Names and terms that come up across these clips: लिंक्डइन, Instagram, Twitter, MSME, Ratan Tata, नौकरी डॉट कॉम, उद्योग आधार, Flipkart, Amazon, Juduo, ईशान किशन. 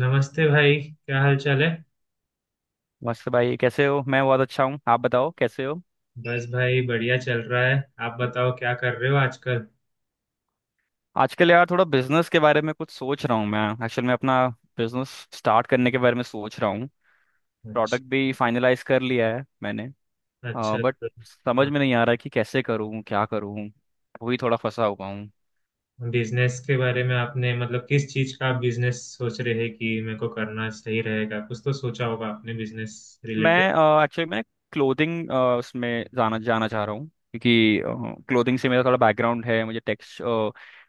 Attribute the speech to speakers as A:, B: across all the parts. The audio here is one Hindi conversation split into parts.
A: नमस्ते भाई, क्या हाल चाल है?
B: मस्त भाई, कैसे हो? मैं बहुत अच्छा हूँ। आप बताओ, कैसे हो?
A: बस भाई, बढ़िया चल रहा है। आप बताओ क्या कर रहे हो आजकल?
B: आजकल यार थोड़ा बिजनेस के बारे में कुछ सोच रहा हूँ। मैं एक्चुअल में अपना बिजनेस स्टार्ट करने के बारे में सोच रहा हूँ।
A: अच्छा।
B: प्रोडक्ट भी फाइनलाइज कर लिया है मैंने।
A: अच्छा
B: बट
A: तो
B: समझ
A: हाँ,
B: में नहीं आ रहा कि कैसे करूँ, क्या करूँ। वही थोड़ा फंसा हुआ हूँ।
A: बिजनेस के बारे में आपने, मतलब किस चीज का आप बिजनेस सोच रहे हैं कि मेरे को करना सही रहेगा? कुछ तो सोचा होगा आपने बिजनेस।
B: मैं एक्चुअली मैं क्लोथिंग, उसमें जाना जाना चाह रहा हूँ क्योंकि क्लोथिंग से मेरा थोड़ा बैकग्राउंड है। मुझे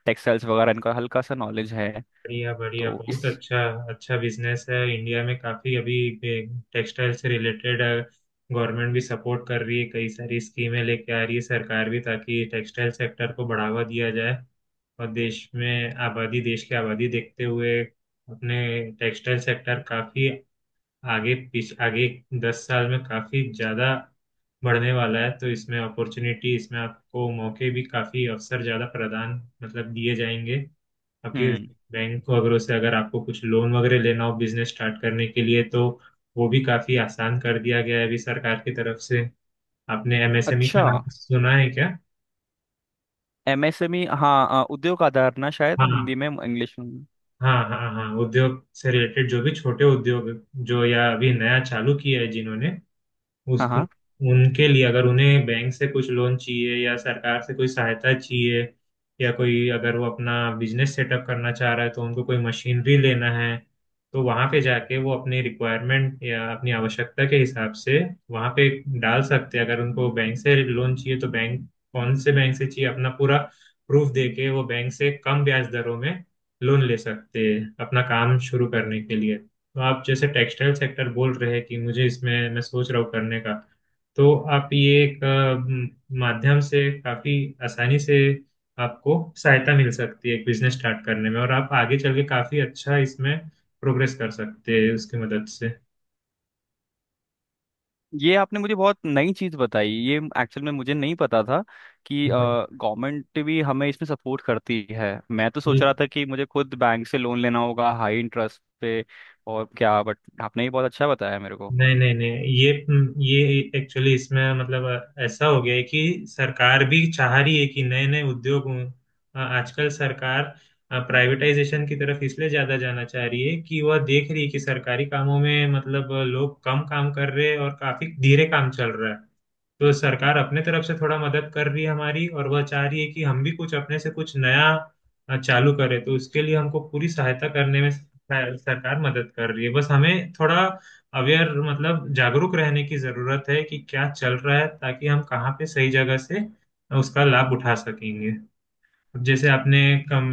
B: टेक्सटाइल्स वगैरह इनका हल्का सा नॉलेज है।
A: बढ़िया बढ़िया,
B: तो इस
A: बहुत अच्छा। अच्छा बिजनेस है इंडिया में काफी अभी, टेक्सटाइल से रिलेटेड। गवर्नमेंट भी सपोर्ट कर रही है, कई सारी स्कीमें लेके आ रही है सरकार भी, ताकि टेक्सटाइल सेक्टर को बढ़ावा दिया जाए। और देश में आबादी, देश की आबादी देखते हुए अपने टेक्सटाइल सेक्टर काफी आगे दस साल में काफी ज्यादा बढ़ने वाला है। तो इसमें अपॉर्चुनिटी, इसमें आपको मौके भी काफी, अवसर ज्यादा प्रदान, मतलब दिए जाएंगे। आपके
B: हम्म।
A: बैंक वगैरह से अगर आपको कुछ लोन वगैरह लेना हो बिजनेस स्टार्ट करने के लिए, तो वो भी काफी आसान कर दिया गया है अभी सरकार की तरफ से। आपने एमएसएमई का
B: अच्छा।
A: नाम सुना है क्या?
B: एमएसएमई, हाँ। हाँ, उद्योग आधार ना, शायद हिंदी
A: हाँ,
B: में इंग्लिश में।
A: हाँ, हाँ, हाँ, उद्योग से रिलेटेड जो भी छोटे उद्योग, जो या अभी नया चालू किया है जिन्होंने, उस
B: हाँ, हाँ।
A: उनके लिए अगर उन्हें बैंक से कुछ लोन चाहिए या सरकार से कोई सहायता चाहिए, या कोई अगर वो अपना बिजनेस सेटअप करना चाह रहा है, तो उनको कोई मशीनरी लेना है तो वहाँ पे जाके वो अपनी रिक्वायरमेंट या अपनी आवश्यकता के हिसाब से वहाँ पे डाल सकते हैं। अगर उनको बैंक से लोन चाहिए तो बैंक, कौन से बैंक से चाहिए, अपना पूरा प्रूफ देके वो बैंक से कम ब्याज दरों में लोन ले सकते हैं अपना काम शुरू करने के लिए। तो आप जैसे टेक्सटाइल सेक्टर बोल रहे हैं कि मुझे इसमें मैं सोच रहा हूँ करने का, तो आप ये एक माध्यम से काफी आसानी से आपको सहायता मिल सकती है एक बिजनेस स्टार्ट करने में, और आप आगे चल के काफी अच्छा इसमें प्रोग्रेस कर सकते हैं उसकी मदद से।
B: ये आपने मुझे बहुत नई चीज़ बताई ये। एक्चुअल में मुझे नहीं पता था कि
A: हाँ।
B: गवर्नमेंट भी हमें इसमें सपोर्ट करती है। मैं तो सोच रहा था कि मुझे खुद बैंक से लोन लेना होगा हाई इंटरेस्ट पे। और क्या, बट आपने ये बहुत अच्छा बताया मेरे को।
A: नहीं, नहीं, नहीं, ये ये एक्चुअली इसमें मतलब ऐसा हो गया है कि सरकार भी चाह रही है कि नए नए उद्योग हों। आजकल सरकार प्राइवेटाइजेशन की तरफ इसलिए ज्यादा जाना चाह रही है कि वह देख रही है कि सरकारी कामों में मतलब लोग कम काम कर रहे हैं और काफी धीरे काम चल रहा है। तो सरकार अपने तरफ से थोड़ा मदद कर रही है हमारी, और वह चाह रही है कि हम भी कुछ अपने से कुछ नया चालू करें, तो उसके लिए हमको पूरी सहायता करने में सरकार मदद कर रही है। बस हमें थोड़ा अवेयर, मतलब जागरूक रहने की जरूरत है कि क्या चल रहा है, ताकि हम कहाँ पे सही जगह से उसका लाभ उठा सकेंगे। अब जैसे आपने कम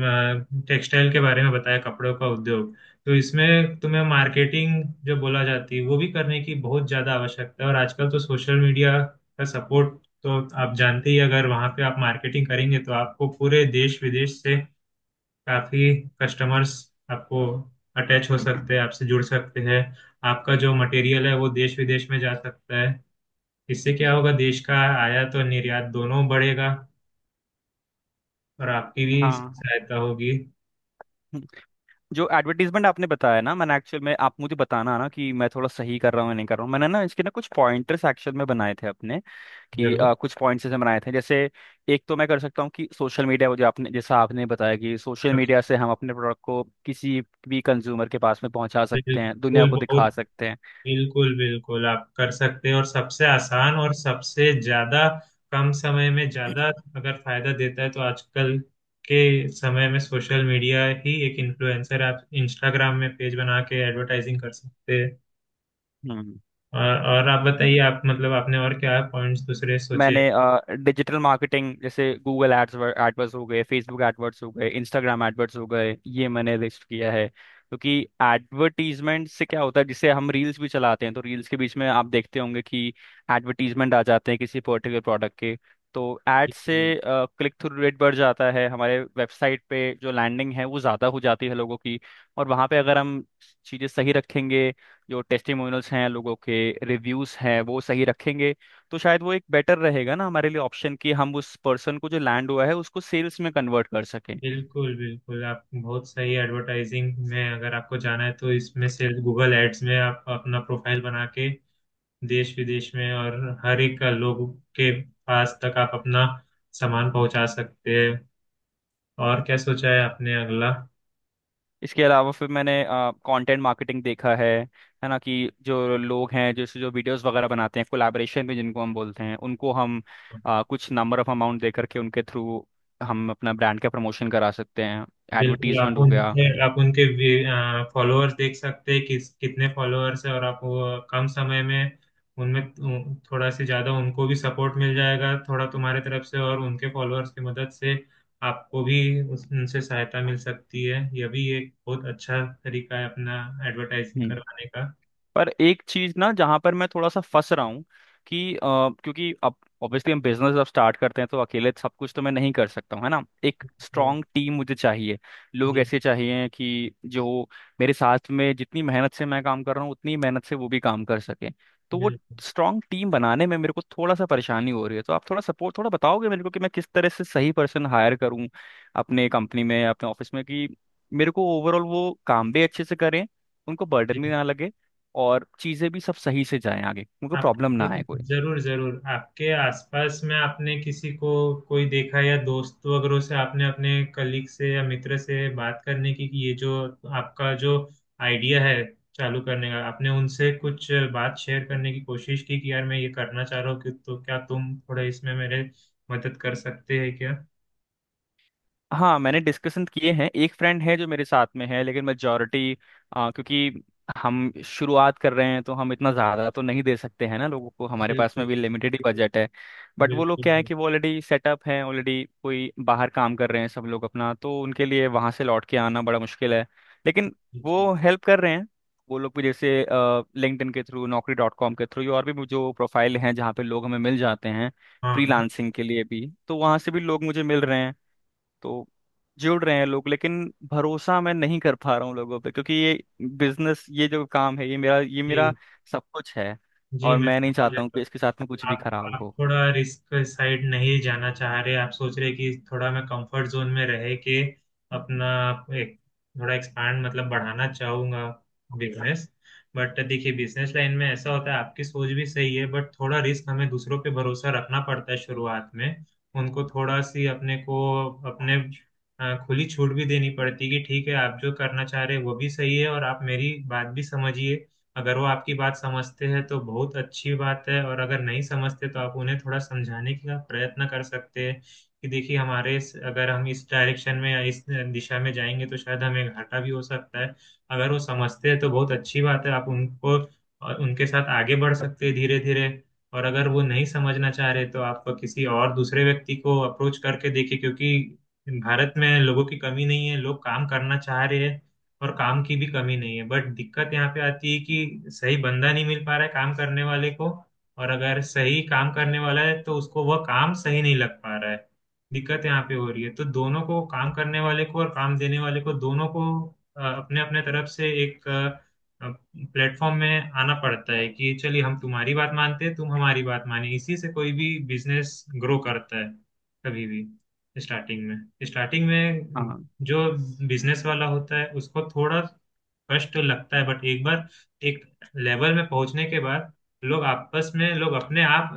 A: टेक्सटाइल के बारे में बताया, कपड़ों का उद्योग, तो इसमें तुम्हें मार्केटिंग जो बोला जाती है वो भी करने की बहुत ज्यादा आवश्यकता है, और आजकल तो सोशल मीडिया का सपोर्ट, तो आप जानते ही। अगर वहां पे आप मार्केटिंग करेंगे तो आपको पूरे देश विदेश से काफी कस्टमर्स आपको अटैच हो सकते हैं, आपसे जुड़ सकते हैं। आपका जो मटेरियल है वो देश विदेश में जा सकता है। इससे क्या होगा, देश का आयात और निर्यात दोनों बढ़ेगा, और आपकी भी इसमें
B: हाँ।
A: सहायता होगी।
B: जो एडवर्टीजमेंट आपने बताया ना, मैंने एक्चुअल में आप मुझे बताना ना कि मैं थोड़ा सही कर रहा हूँ या नहीं कर रहा हूँ। मैंने ना इसके ना कुछ पॉइंटर्स एक्चुअल में बनाए थे अपने कि
A: जरूर।
B: कुछ पॉइंट्स जैसे बनाए थे। जैसे एक तो मैं कर सकता हूँ कि सोशल मीडिया, वो जो आपने जैसा आपने बताया कि सोशल मीडिया
A: सब-
B: से हम अपने प्रोडक्ट को किसी भी कंज्यूमर के पास में पहुंचा सकते हैं, दुनिया
A: बिल्कुल
B: को
A: बहुत,
B: दिखा सकते हैं।
A: बिल्कुल बिल्कुल आप कर सकते हैं, और सबसे आसान और सबसे ज्यादा कम समय में ज्यादा अगर फायदा देता है तो आजकल के समय में सोशल मीडिया ही एक इन्फ्लुएंसर, आप इंस्टाग्राम में पेज बना के एडवर्टाइजिंग कर सकते हैं।
B: हम्म।
A: और आप बताइए, आप मतलब आपने और क्या पॉइंट्स दूसरे सोचे?
B: मैंने डिजिटल मार्केटिंग जैसे गूगल एड्स एडवर्ड्स हो गए, फेसबुक एडवर्ड्स हो गए, इंस्टाग्राम एडवर्ड्स हो गए, ये मैंने लिस्ट किया है क्योंकि एडवर्टीजमेंट से क्या होता है जिसे हम रील्स भी चलाते हैं तो रील्स के बीच में आप देखते होंगे कि एडवर्टीजमेंट आ जाते हैं किसी पर्टिकुलर प्रोडक्ट के। तो
A: जी,
B: एड से
A: जी।
B: क्लिक थ्रू रेट बढ़ जाता है, हमारे वेबसाइट पे जो लैंडिंग है वो ज़्यादा हो जाती है लोगों की। और वहाँ पे अगर हम चीज़ें सही रखेंगे, जो टेस्टिमोनियल्स हैं लोगों के रिव्यूज़ हैं वो सही रखेंगे, तो शायद वो एक बेटर रहेगा ना हमारे लिए ऑप्शन कि हम उस पर्सन को जो लैंड हुआ है उसको सेल्स में कन्वर्ट कर सकें।
A: बिल्कुल बिल्कुल, आप बहुत सही। एडवर्टाइजिंग में अगर आपको जाना है तो इसमें से गूगल एड्स में आप अपना प्रोफाइल बना के देश विदेश में और हर एक लोग के पास तक आप अपना सामान पहुंचा सकते हैं। और क्या सोचा है आपने अगला?
B: इसके अलावा फिर मैंने कंटेंट मार्केटिंग देखा है। है ना कि जो लोग हैं जैसे जो वीडियोस वगैरह बनाते हैं कोलैबोरेशन में जिनको हम बोलते हैं, उनको हम कुछ नंबर ऑफ अमाउंट दे करके उनके थ्रू हम अपना ब्रांड का प्रमोशन करा सकते हैं।
A: बिल्कुल, आप
B: एडवर्टीजमेंट हो गया।
A: उनके आप उनके फॉलोअर्स देख सकते हैं, किस कितने फॉलोअर्स है, और आप वो कम समय में उनमें थोड़ा से ज्यादा उनको भी सपोर्ट मिल जाएगा थोड़ा तुम्हारे तरफ से, और उनके फॉलोअर्स की मदद से आपको भी उनसे सहायता मिल सकती है। यह भी एक बहुत अच्छा तरीका है अपना एडवर्टाइजिंग
B: हम्म।
A: करवाने का।
B: पर एक चीज ना जहां पर मैं थोड़ा सा फंस रहा हूँ कि क्योंकि अब ऑब्वियसली हम बिजनेस जब स्टार्ट करते हैं तो अकेले सब कुछ तो मैं नहीं कर सकता हूँ, है ना? एक
A: तो,
B: स्ट्रांग टीम मुझे चाहिए, लोग
A: जी।
B: ऐसे चाहिए कि जो मेरे साथ में जितनी मेहनत से मैं काम कर रहा हूँ उतनी मेहनत से वो भी काम कर सके। तो वो
A: बिल्कुल
B: स्ट्रांग टीम बनाने में मेरे को थोड़ा सा परेशानी हो रही है। तो आप थोड़ा सपोर्ट, थोड़ा बताओगे मेरे को कि मैं किस तरह से सही पर्सन हायर करूँ अपने कंपनी में, अपने ऑफिस में कि मेरे को ओवरऑल वो काम भी अच्छे से करें, उनको
A: जी।
B: बर्डन भी ना लगे, और चीज़ें भी सब सही से जाएं, आगे उनको प्रॉब्लम
A: आपके,
B: ना आए कोई।
A: जरूर जरूर, आपके आसपास में आपने किसी को, कोई देखा, या दोस्त वगैरह से आपने अपने कलीग से या मित्र से बात करने की कि ये जो आपका जो आइडिया है चालू करने का, आपने उनसे कुछ बात शेयर करने की कोशिश की कि यार मैं ये करना चाह रहा हूँ, कि तो क्या तुम थोड़ा इसमें मेरे मदद कर सकते हैं क्या?
B: हाँ, मैंने डिस्कशन किए हैं। एक फ्रेंड है जो मेरे साथ में है, लेकिन मेजोरिटी क्योंकि हम शुरुआत कर रहे हैं तो हम इतना ज़्यादा तो नहीं दे सकते हैं ना लोगों को, हमारे पास में
A: बिल्कुल।
B: भी लिमिटेड ही बजट है। बट वो लोग
A: बिल्कुल।
B: क्या है कि वो ऑलरेडी सेटअप है, ऑलरेडी कोई बाहर काम कर रहे हैं सब लोग अपना, तो उनके लिए वहाँ से लौट के आना बड़ा मुश्किल है। लेकिन
A: बिल्कुल जी।
B: वो हेल्प कर रहे हैं। वो लोग भी जैसे लिंक्डइन के थ्रू, नौकरी डॉट कॉम के थ्रू, और भी जो प्रोफाइल हैं जहाँ पे लोग हमें मिल जाते हैं
A: हाँ, हाँ।
B: फ्रीलांसिंग के लिए भी, तो वहाँ से भी लोग मुझे मिल रहे हैं। तो जुड़ रहे हैं लोग, लेकिन भरोसा मैं नहीं कर पा रहा हूँ लोगों पे क्योंकि ये बिजनेस, ये जो काम है, ये मेरा
A: जी,
B: सब कुछ है,
A: जी,
B: और
A: मैं
B: मैं नहीं
A: समझ।
B: चाहता हूँ कि इसके साथ में कुछ भी
A: आप
B: खराब
A: आप
B: हो।
A: थोड़ा रिस्क साइड नहीं जाना चाह रहे, आप सोच रहे कि थोड़ा मैं कंफर्ट जोन में रह के अपना एक थोड़ा एक्सपांड मतलब बढ़ाना चाहूंगा बिजनेस। बट देखिए बिजनेस लाइन में ऐसा होता है, आपकी सोच भी सही है बट थोड़ा रिस्क, हमें दूसरों पे भरोसा रखना पड़ता है शुरुआत में। उनको थोड़ा सी अपने को अपने खुली छूट भी देनी पड़ती है कि ठीक है आप जो करना चाह रहे हैं वो भी सही है और आप मेरी बात भी समझिए। अगर वो आपकी बात समझते हैं तो बहुत अच्छी बात है, और अगर नहीं समझते तो आप उन्हें थोड़ा समझाने का प्रयत्न कर सकते हैं कि देखिए अगर हम इस डायरेक्शन में या इस दिशा में जाएंगे तो शायद हमें घाटा भी हो सकता है। अगर वो समझते हैं तो बहुत अच्छी बात है, आप उनको और उनके साथ आगे बढ़ सकते हैं धीरे धीरे। और अगर वो नहीं समझना चाह रहे तो आप किसी और दूसरे व्यक्ति को अप्रोच करके देखिए, क्योंकि भारत में लोगों की कमी नहीं है, लोग काम करना चाह रहे हैं, और काम की भी कमी नहीं है। बट दिक्कत यहाँ पे आती है कि सही बंदा नहीं मिल पा रहा है काम करने वाले को, और अगर सही काम करने वाला है तो उसको वह काम सही नहीं लग पा रहा है। दिक्कत यहाँ पे हो रही है, तो दोनों को, काम करने वाले को और काम देने वाले को, दोनों को अपने अपने तरफ से एक प्लेटफॉर्म में आना पड़ता है कि चलिए हम तुम्हारी बात मानते हैं, तुम हमारी बात माने, इसी से कोई भी बिजनेस ग्रो करता है। कभी भी स्टार्टिंग में
B: हाँ,
A: जो बिजनेस वाला होता है उसको थोड़ा कष्ट लगता है, बट एक बार एक लेवल में पहुंचने के बाद लोग आपस में, लोग अपने आप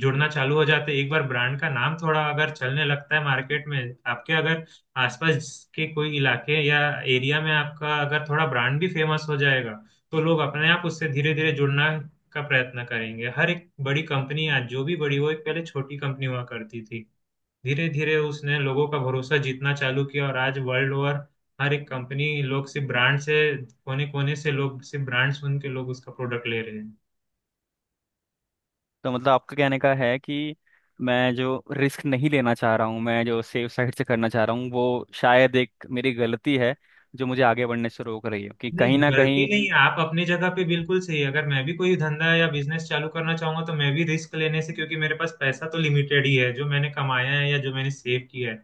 A: जुड़ना चालू हो जाते हैं। एक बार ब्रांड का नाम थोड़ा अगर चलने लगता है मार्केट में, आपके अगर आसपास के कोई इलाके या एरिया में आपका अगर थोड़ा ब्रांड भी फेमस हो जाएगा, तो लोग अपने आप उससे धीरे धीरे जुड़ना का प्रयत्न करेंगे। हर एक बड़ी कंपनी आज जो भी बड़ी हो, एक पहले छोटी कंपनी हुआ करती थी, धीरे धीरे उसने लोगों का भरोसा जीतना चालू किया, और आज वर्ल्ड ओवर हर एक कंपनी, लोग सिर्फ ब्रांड से, कोने कोने से लोग सिर्फ ब्रांड सुन के लोग उसका प्रोडक्ट ले रहे हैं।
B: तो मतलब आपका कहने का है कि मैं जो रिस्क नहीं लेना चाह रहा हूँ, मैं जो सेफ साइड से करना चाह रहा हूँ, वो शायद एक मेरी गलती है जो मुझे आगे बढ़ने से रोक रही है कि कहीं
A: नहीं,
B: ना
A: गलती
B: कहीं।
A: नहीं, आप अपनी जगह पे बिल्कुल सही। अगर मैं भी कोई धंधा या बिजनेस चालू करना चाहूंगा तो मैं भी रिस्क लेने से, क्योंकि मेरे पास पैसा तो लिमिटेड ही है जो मैंने कमाया है या जो मैंने सेव किया है,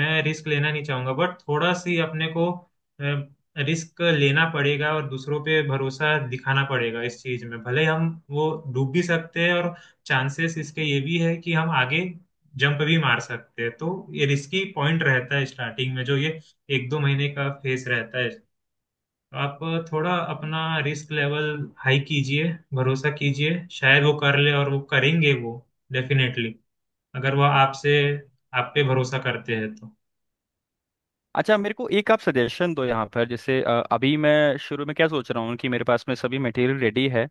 A: मैं रिस्क लेना नहीं चाहूंगा। बट थोड़ा सी अपने को रिस्क लेना पड़ेगा, और दूसरों पे भरोसा दिखाना पड़ेगा। इस चीज में भले हम वो डूब भी सकते हैं, और चांसेस इसके ये भी है कि हम आगे जंप भी मार सकते हैं। तो ये रिस्की पॉइंट रहता है स्टार्टिंग में, जो ये एक दो महीने का फेस रहता है। आप थोड़ा अपना रिस्क लेवल हाई कीजिए, भरोसा कीजिए, शायद वो कर ले, और वो करेंगे, वो डेफिनेटली, अगर वो आपसे, आप पे भरोसा करते हैं तो।
B: अच्छा, मेरे को एक आप सजेशन दो यहाँ पर। जैसे अभी मैं शुरू में क्या सोच रहा हूँ कि मेरे पास में सभी मटेरियल रेडी है,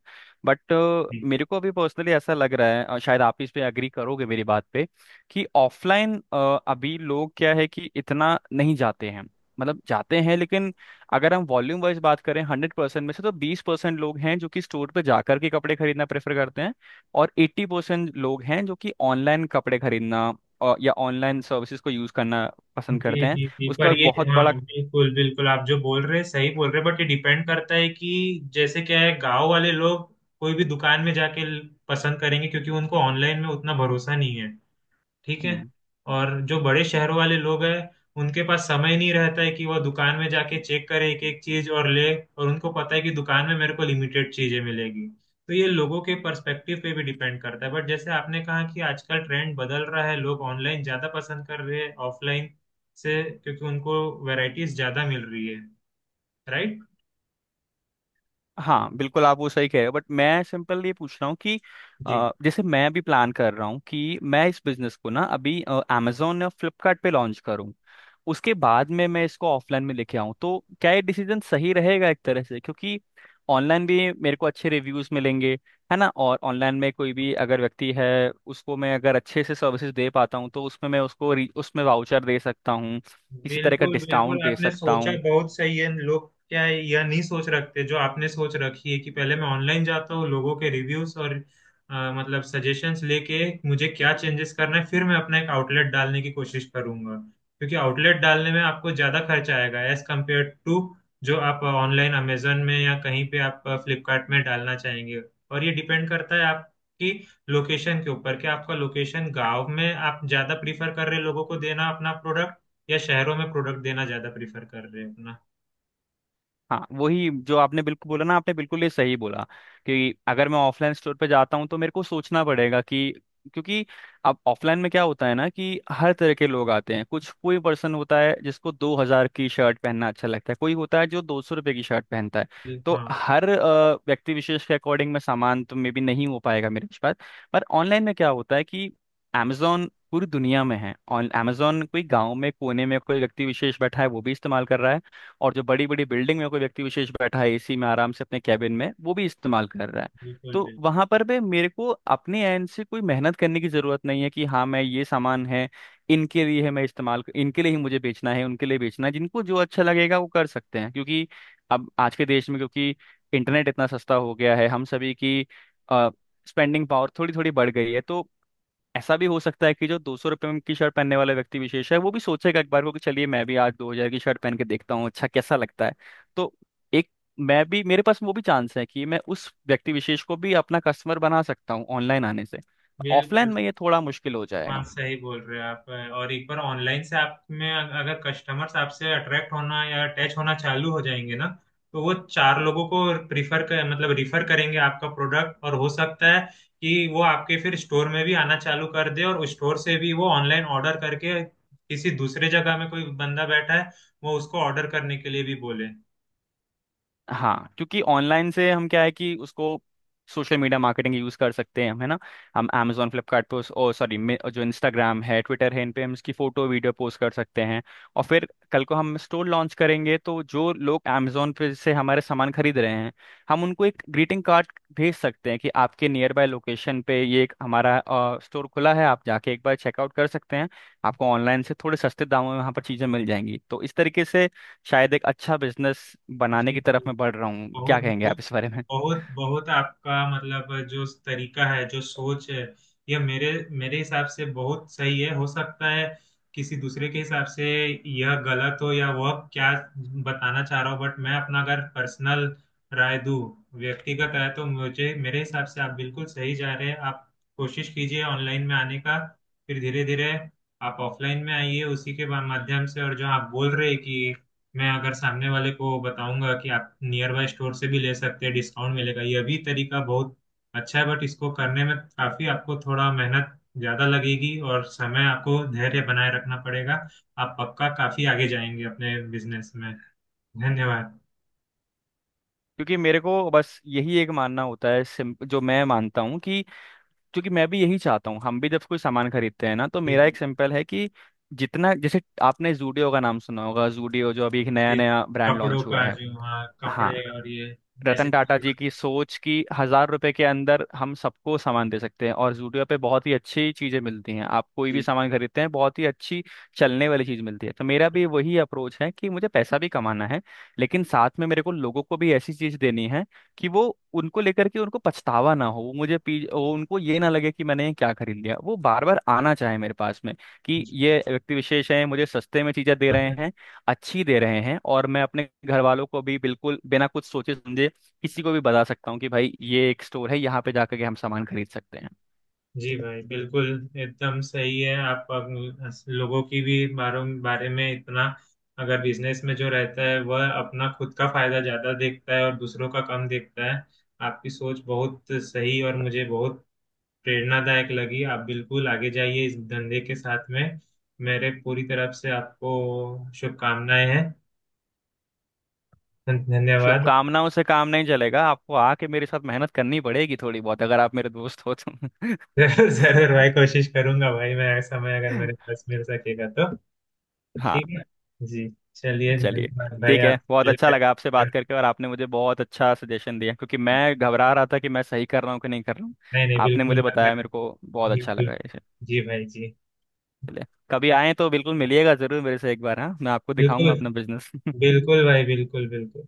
B: बट
A: जी,
B: मेरे को अभी पर्सनली ऐसा लग रहा है, शायद आप इस पे एग्री करोगे मेरी बात पे कि ऑफलाइन अभी लोग क्या है कि इतना नहीं जाते हैं। मतलब जाते हैं लेकिन अगर हम वॉल्यूम वाइज बात करें, 100% में से तो 20% लोग हैं जो कि स्टोर पे जाकर के कपड़े खरीदना प्रेफर करते हैं, और 80% लोग हैं जो कि ऑनलाइन कपड़े खरीदना, या ऑनलाइन सर्विसेज को यूज करना पसंद
A: जी,
B: करते हैं।
A: जी, जी,
B: उसका
A: पर
B: एक
A: ये,
B: बहुत बड़ा।
A: हाँ, बिल्कुल बिल्कुल, आप जो बोल रहे हैं सही बोल रहे हैं, बट ये डिपेंड करता है कि जैसे क्या है, गांव वाले लोग कोई भी दुकान में जाके पसंद करेंगे, क्योंकि उनको ऑनलाइन में उतना भरोसा नहीं है। ठीक है।
B: हम्म,
A: और जो बड़े शहरों वाले लोग हैं उनके पास समय नहीं रहता है कि वो दुकान में जाके चेक करे एक एक चीज और ले, और उनको पता है कि दुकान में मेरे को लिमिटेड चीजें मिलेगी। तो ये लोगों के पर्सपेक्टिव पे भी डिपेंड करता है, बट जैसे आपने कहा कि आजकल ट्रेंड बदल रहा है, लोग ऑनलाइन ज्यादा पसंद कर रहे हैं ऑफलाइन से, क्योंकि उनको वैरायटीज ज्यादा मिल रही है। राइट।
B: हाँ, बिल्कुल आप वो सही कह रहे हो, बट मैं सिंपल ये पूछ रहा हूँ कि
A: जी।
B: जैसे मैं भी प्लान कर रहा हूँ कि मैं इस बिजनेस को ना अभी अमेजोन या फ्लिपकार्ट पे लॉन्च करूँ, उसके बाद में मैं इसको ऑफलाइन में लेके आऊँ, तो क्या ये डिसीजन सही रहेगा एक तरह से? क्योंकि ऑनलाइन भी मेरे को अच्छे रिव्यूज मिलेंगे, है ना? और ऑनलाइन में कोई भी अगर व्यक्ति है उसको मैं अगर अच्छे से सर्विसेज दे पाता हूँ तो उसमें मैं उसको उसमें वाउचर दे सकता हूँ, किसी तरह का
A: बिल्कुल
B: डिस्काउंट
A: बिल्कुल,
B: दे
A: आपने
B: सकता
A: सोचा
B: हूँ।
A: बहुत सही है। लोग क्या है, यह नहीं सोच रखते जो आपने सोच रखी है कि पहले मैं ऑनलाइन जाता हूँ, लोगों के रिव्यूज और मतलब सजेशंस लेके मुझे क्या चेंजेस करना है, फिर मैं अपना एक आउटलेट डालने की कोशिश करूंगा। क्योंकि आउटलेट डालने में आपको ज्यादा खर्चा आएगा एज कम्पेयर टू जो आप ऑनलाइन अमेजन में या कहीं पे आप फ्लिपकार्ट में डालना चाहेंगे। और ये डिपेंड करता है आपकी लोकेशन के ऊपर, कि आपका लोकेशन गांव में आप ज्यादा प्रीफर कर रहे लोगों को देना अपना प्रोडक्ट, या शहरों में प्रोडक्ट देना ज्यादा प्रीफर कर रहे हैं अपना।
B: हाँ, वही जो आपने बिल्कुल बोला ना, आपने बिल्कुल ये सही बोला कि अगर मैं ऑफलाइन स्टोर पे जाता हूँ तो मेरे को सोचना पड़ेगा कि क्योंकि अब ऑफलाइन में क्या होता है ना कि हर तरह के लोग आते हैं। कुछ कोई पर्सन होता है जिसको 2000 की शर्ट पहनना अच्छा लगता है, कोई होता है जो 200 रुपये की शर्ट पहनता है।
A: बिल्कुल,
B: तो
A: हाँ।
B: हर व्यक्ति विशेष के अकॉर्डिंग में सामान तो मे बी नहीं हो पाएगा मेरे पास। पर ऑनलाइन में क्या होता है कि Amazon पूरी दुनिया में है, और Amazon कोई गांव में कोने में कोई व्यक्ति विशेष बैठा है वो भी इस्तेमाल कर रहा है, और जो बड़ी बड़ी बिल्डिंग में कोई व्यक्ति विशेष बैठा है एसी में आराम से अपने कैबिन में वो भी इस्तेमाल कर रहा है।
A: बिल्कुल
B: तो
A: बिल्कुल
B: वहां पर भी मेरे को अपने एंड से कोई मेहनत करने की जरूरत नहीं है कि हाँ मैं ये सामान है इनके लिए है, मैं इस्तेमाल इनके लिए ही मुझे बेचना है, उनके लिए बेचना है, जिनको जो अच्छा लगेगा वो कर सकते हैं। क्योंकि अब आज के देश में क्योंकि इंटरनेट इतना सस्ता हो गया है, हम सभी की स्पेंडिंग पावर थोड़ी थोड़ी बढ़ गई है, तो ऐसा भी हो सकता है कि जो 200 रुपये की शर्ट पहनने वाला व्यक्ति विशेष है वो भी सोचेगा एक बार को कि चलिए मैं भी आज 2000 की शर्ट पहन के देखता हूँ, अच्छा कैसा लगता है। तो एक मैं भी, मेरे पास वो भी चांस है कि मैं उस व्यक्ति विशेष को भी अपना कस्टमर बना सकता हूँ ऑनलाइन आने से। ऑफलाइन
A: बिल्कुल।
B: में ये थोड़ा मुश्किल हो
A: हाँ,
B: जाएगा।
A: सही बोल रहे हो आप। और एक बार ऑनलाइन से अगर कस्टमर्स आपसे अट्रैक्ट होना या अटैच होना चालू हो जाएंगे ना, तो वो चार लोगों को प्रीफर कर मतलब रिफर करेंगे आपका प्रोडक्ट। और हो सकता है कि वो आपके फिर स्टोर में भी आना चालू कर दे, और उस स्टोर से भी वो ऑनलाइन ऑर्डर करके किसी दूसरे जगह में कोई बंदा बैठा है वो उसको ऑर्डर करने के लिए भी बोले।
B: हाँ, क्योंकि ऑनलाइन से हम क्या है कि उसको सोशल मीडिया मार्केटिंग यूज़ कर सकते हैं हम, है ना? हम Amazon फ्लिपकार्ट पे, और सॉरी, जो इंस्टाग्राम है ट्विटर है, इन पे हम इसकी फ़ोटो वीडियो पोस्ट कर सकते हैं। और फिर कल को हम स्टोर लॉन्च करेंगे तो जो लोग Amazon पे से हमारे सामान खरीद रहे हैं, हम उनको एक ग्रीटिंग कार्ड भेज सकते हैं कि आपके नियर बाय लोकेशन पे ये एक हमारा स्टोर खुला है, आप जाके एक बार चेकआउट कर सकते हैं। आपको ऑनलाइन से थोड़े सस्ते दामों में वहाँ पर चीज़ें मिल जाएंगी। तो इस तरीके से शायद एक अच्छा बिजनेस
A: जी,
B: बनाने की
A: जी,
B: तरफ मैं
A: जी।
B: बढ़ रहा हूँ।
A: बहुत
B: क्या कहेंगे
A: बहुत,
B: आप इस बारे में?
A: बहुत बहुत आपका मतलब, जो तरीका है जो सोच है, यह मेरे मेरे हिसाब से बहुत सही है। हो सकता है किसी दूसरे के हिसाब से यह गलत हो या वह क्या बताना चाह रहा हो, बट मैं अपना अगर पर्सनल राय दूं, व्यक्तिगत राय, तो मुझे मेरे हिसाब से आप बिल्कुल सही जा रहे हैं। आप कोशिश कीजिए ऑनलाइन में आने का, फिर धीरे धीरे आप ऑफलाइन में आइए उसी के माध्यम से। और जो आप बोल रहे हैं कि मैं अगर सामने वाले को बताऊंगा कि आप नियर बाय स्टोर से भी ले सकते हैं, डिस्काउंट मिलेगा, ये भी तरीका बहुत अच्छा है। बट इसको करने में काफी आपको थोड़ा मेहनत ज्यादा लगेगी, और समय आपको धैर्य बनाए रखना पड़ेगा। आप पक्का काफी आगे जाएंगे अपने बिजनेस में। धन्यवाद।
B: क्योंकि मेरे को बस यही एक मानना होता है, जो मैं मानता हूँ कि क्योंकि मैं भी यही चाहता हूँ, हम भी जब कोई सामान खरीदते हैं ना तो
A: जी।
B: मेरा एक सिंपल है कि जितना जैसे आपने जूडियो का नाम सुना होगा, जूडियो जो अभी एक नया
A: जी।
B: नया ब्रांड
A: कपड़ों
B: लॉन्च हुआ
A: का
B: है।
A: जो, हाँ,
B: हाँ,
A: कपड़े और ये, ऐसे
B: रतन टाटा
A: कुछ।
B: जी की सोच की 1000 रुपए के अंदर हम सबको सामान दे सकते हैं, और जूडियो पे बहुत ही अच्छी चीजें मिलती हैं। आप कोई भी
A: जी।
B: सामान खरीदते हैं बहुत ही अच्छी चलने वाली चीज मिलती है। तो मेरा भी वही अप्रोच है कि मुझे पैसा भी कमाना है, लेकिन साथ में मेरे को लोगों को भी ऐसी चीज देनी है कि वो उनको लेकर के उनको पछतावा ना हो। वो मुझे पी वो उनको ये ना लगे कि मैंने ये क्या खरीद लिया, वो बार बार आना चाहे मेरे पास में कि ये व्यक्ति विशेष है मुझे सस्ते में चीजें दे रहे हैं, अच्छी दे रहे हैं, और मैं अपने घर वालों को भी बिल्कुल बिना कुछ सोचे समझे किसी को भी बता सकता हूँ कि भाई ये एक स्टोर है यहाँ पे जाकर के हम सामान खरीद सकते हैं।
A: जी भाई, बिल्कुल एकदम सही है। लोगों की भी बारों बारे में इतना, अगर बिजनेस में जो रहता है वह अपना खुद का फायदा ज्यादा देखता है और दूसरों का कम देखता है। आपकी सोच बहुत सही, और मुझे बहुत प्रेरणादायक लगी। आप बिल्कुल आगे जाइए इस धंधे के साथ में। मेरे पूरी तरफ से आपको शुभकामनाएं हैं। धन्यवाद।
B: शुभकामनाओं से काम नहीं चलेगा, आपको आके मेरे साथ मेहनत करनी पड़ेगी थोड़ी बहुत अगर आप मेरे दोस्त हो तो।
A: जरूर भाई, कोशिश करूंगा भाई। मैं समय अगर मेरे पास मिल सकेगा तो। ठीक
B: हाँ,
A: है। जी। चलिए,
B: चलिए
A: धन्यवाद भाई
B: ठीक
A: आप।
B: है, बहुत अच्छा
A: बिल्कुल।
B: लगा आपसे बात करके। और आपने मुझे बहुत अच्छा सजेशन दिया क्योंकि मैं घबरा रहा था कि मैं सही कर रहा हूँ कि नहीं कर रहा हूँ।
A: नहीं, नहीं,
B: आपने मुझे
A: बिल्कुल।
B: बताया, मेरे को बहुत अच्छा
A: बिल्कुल
B: लगा इसे।
A: जी भाई जी।
B: चलिए, कभी आए तो बिल्कुल मिलिएगा जरूर मेरे से एक बार। हाँ, मैं आपको
A: बिल्कुल।
B: दिखाऊंगा अपना बिजनेस।
A: बिल्कुल भाई, बिल्कुल बिल्कुल।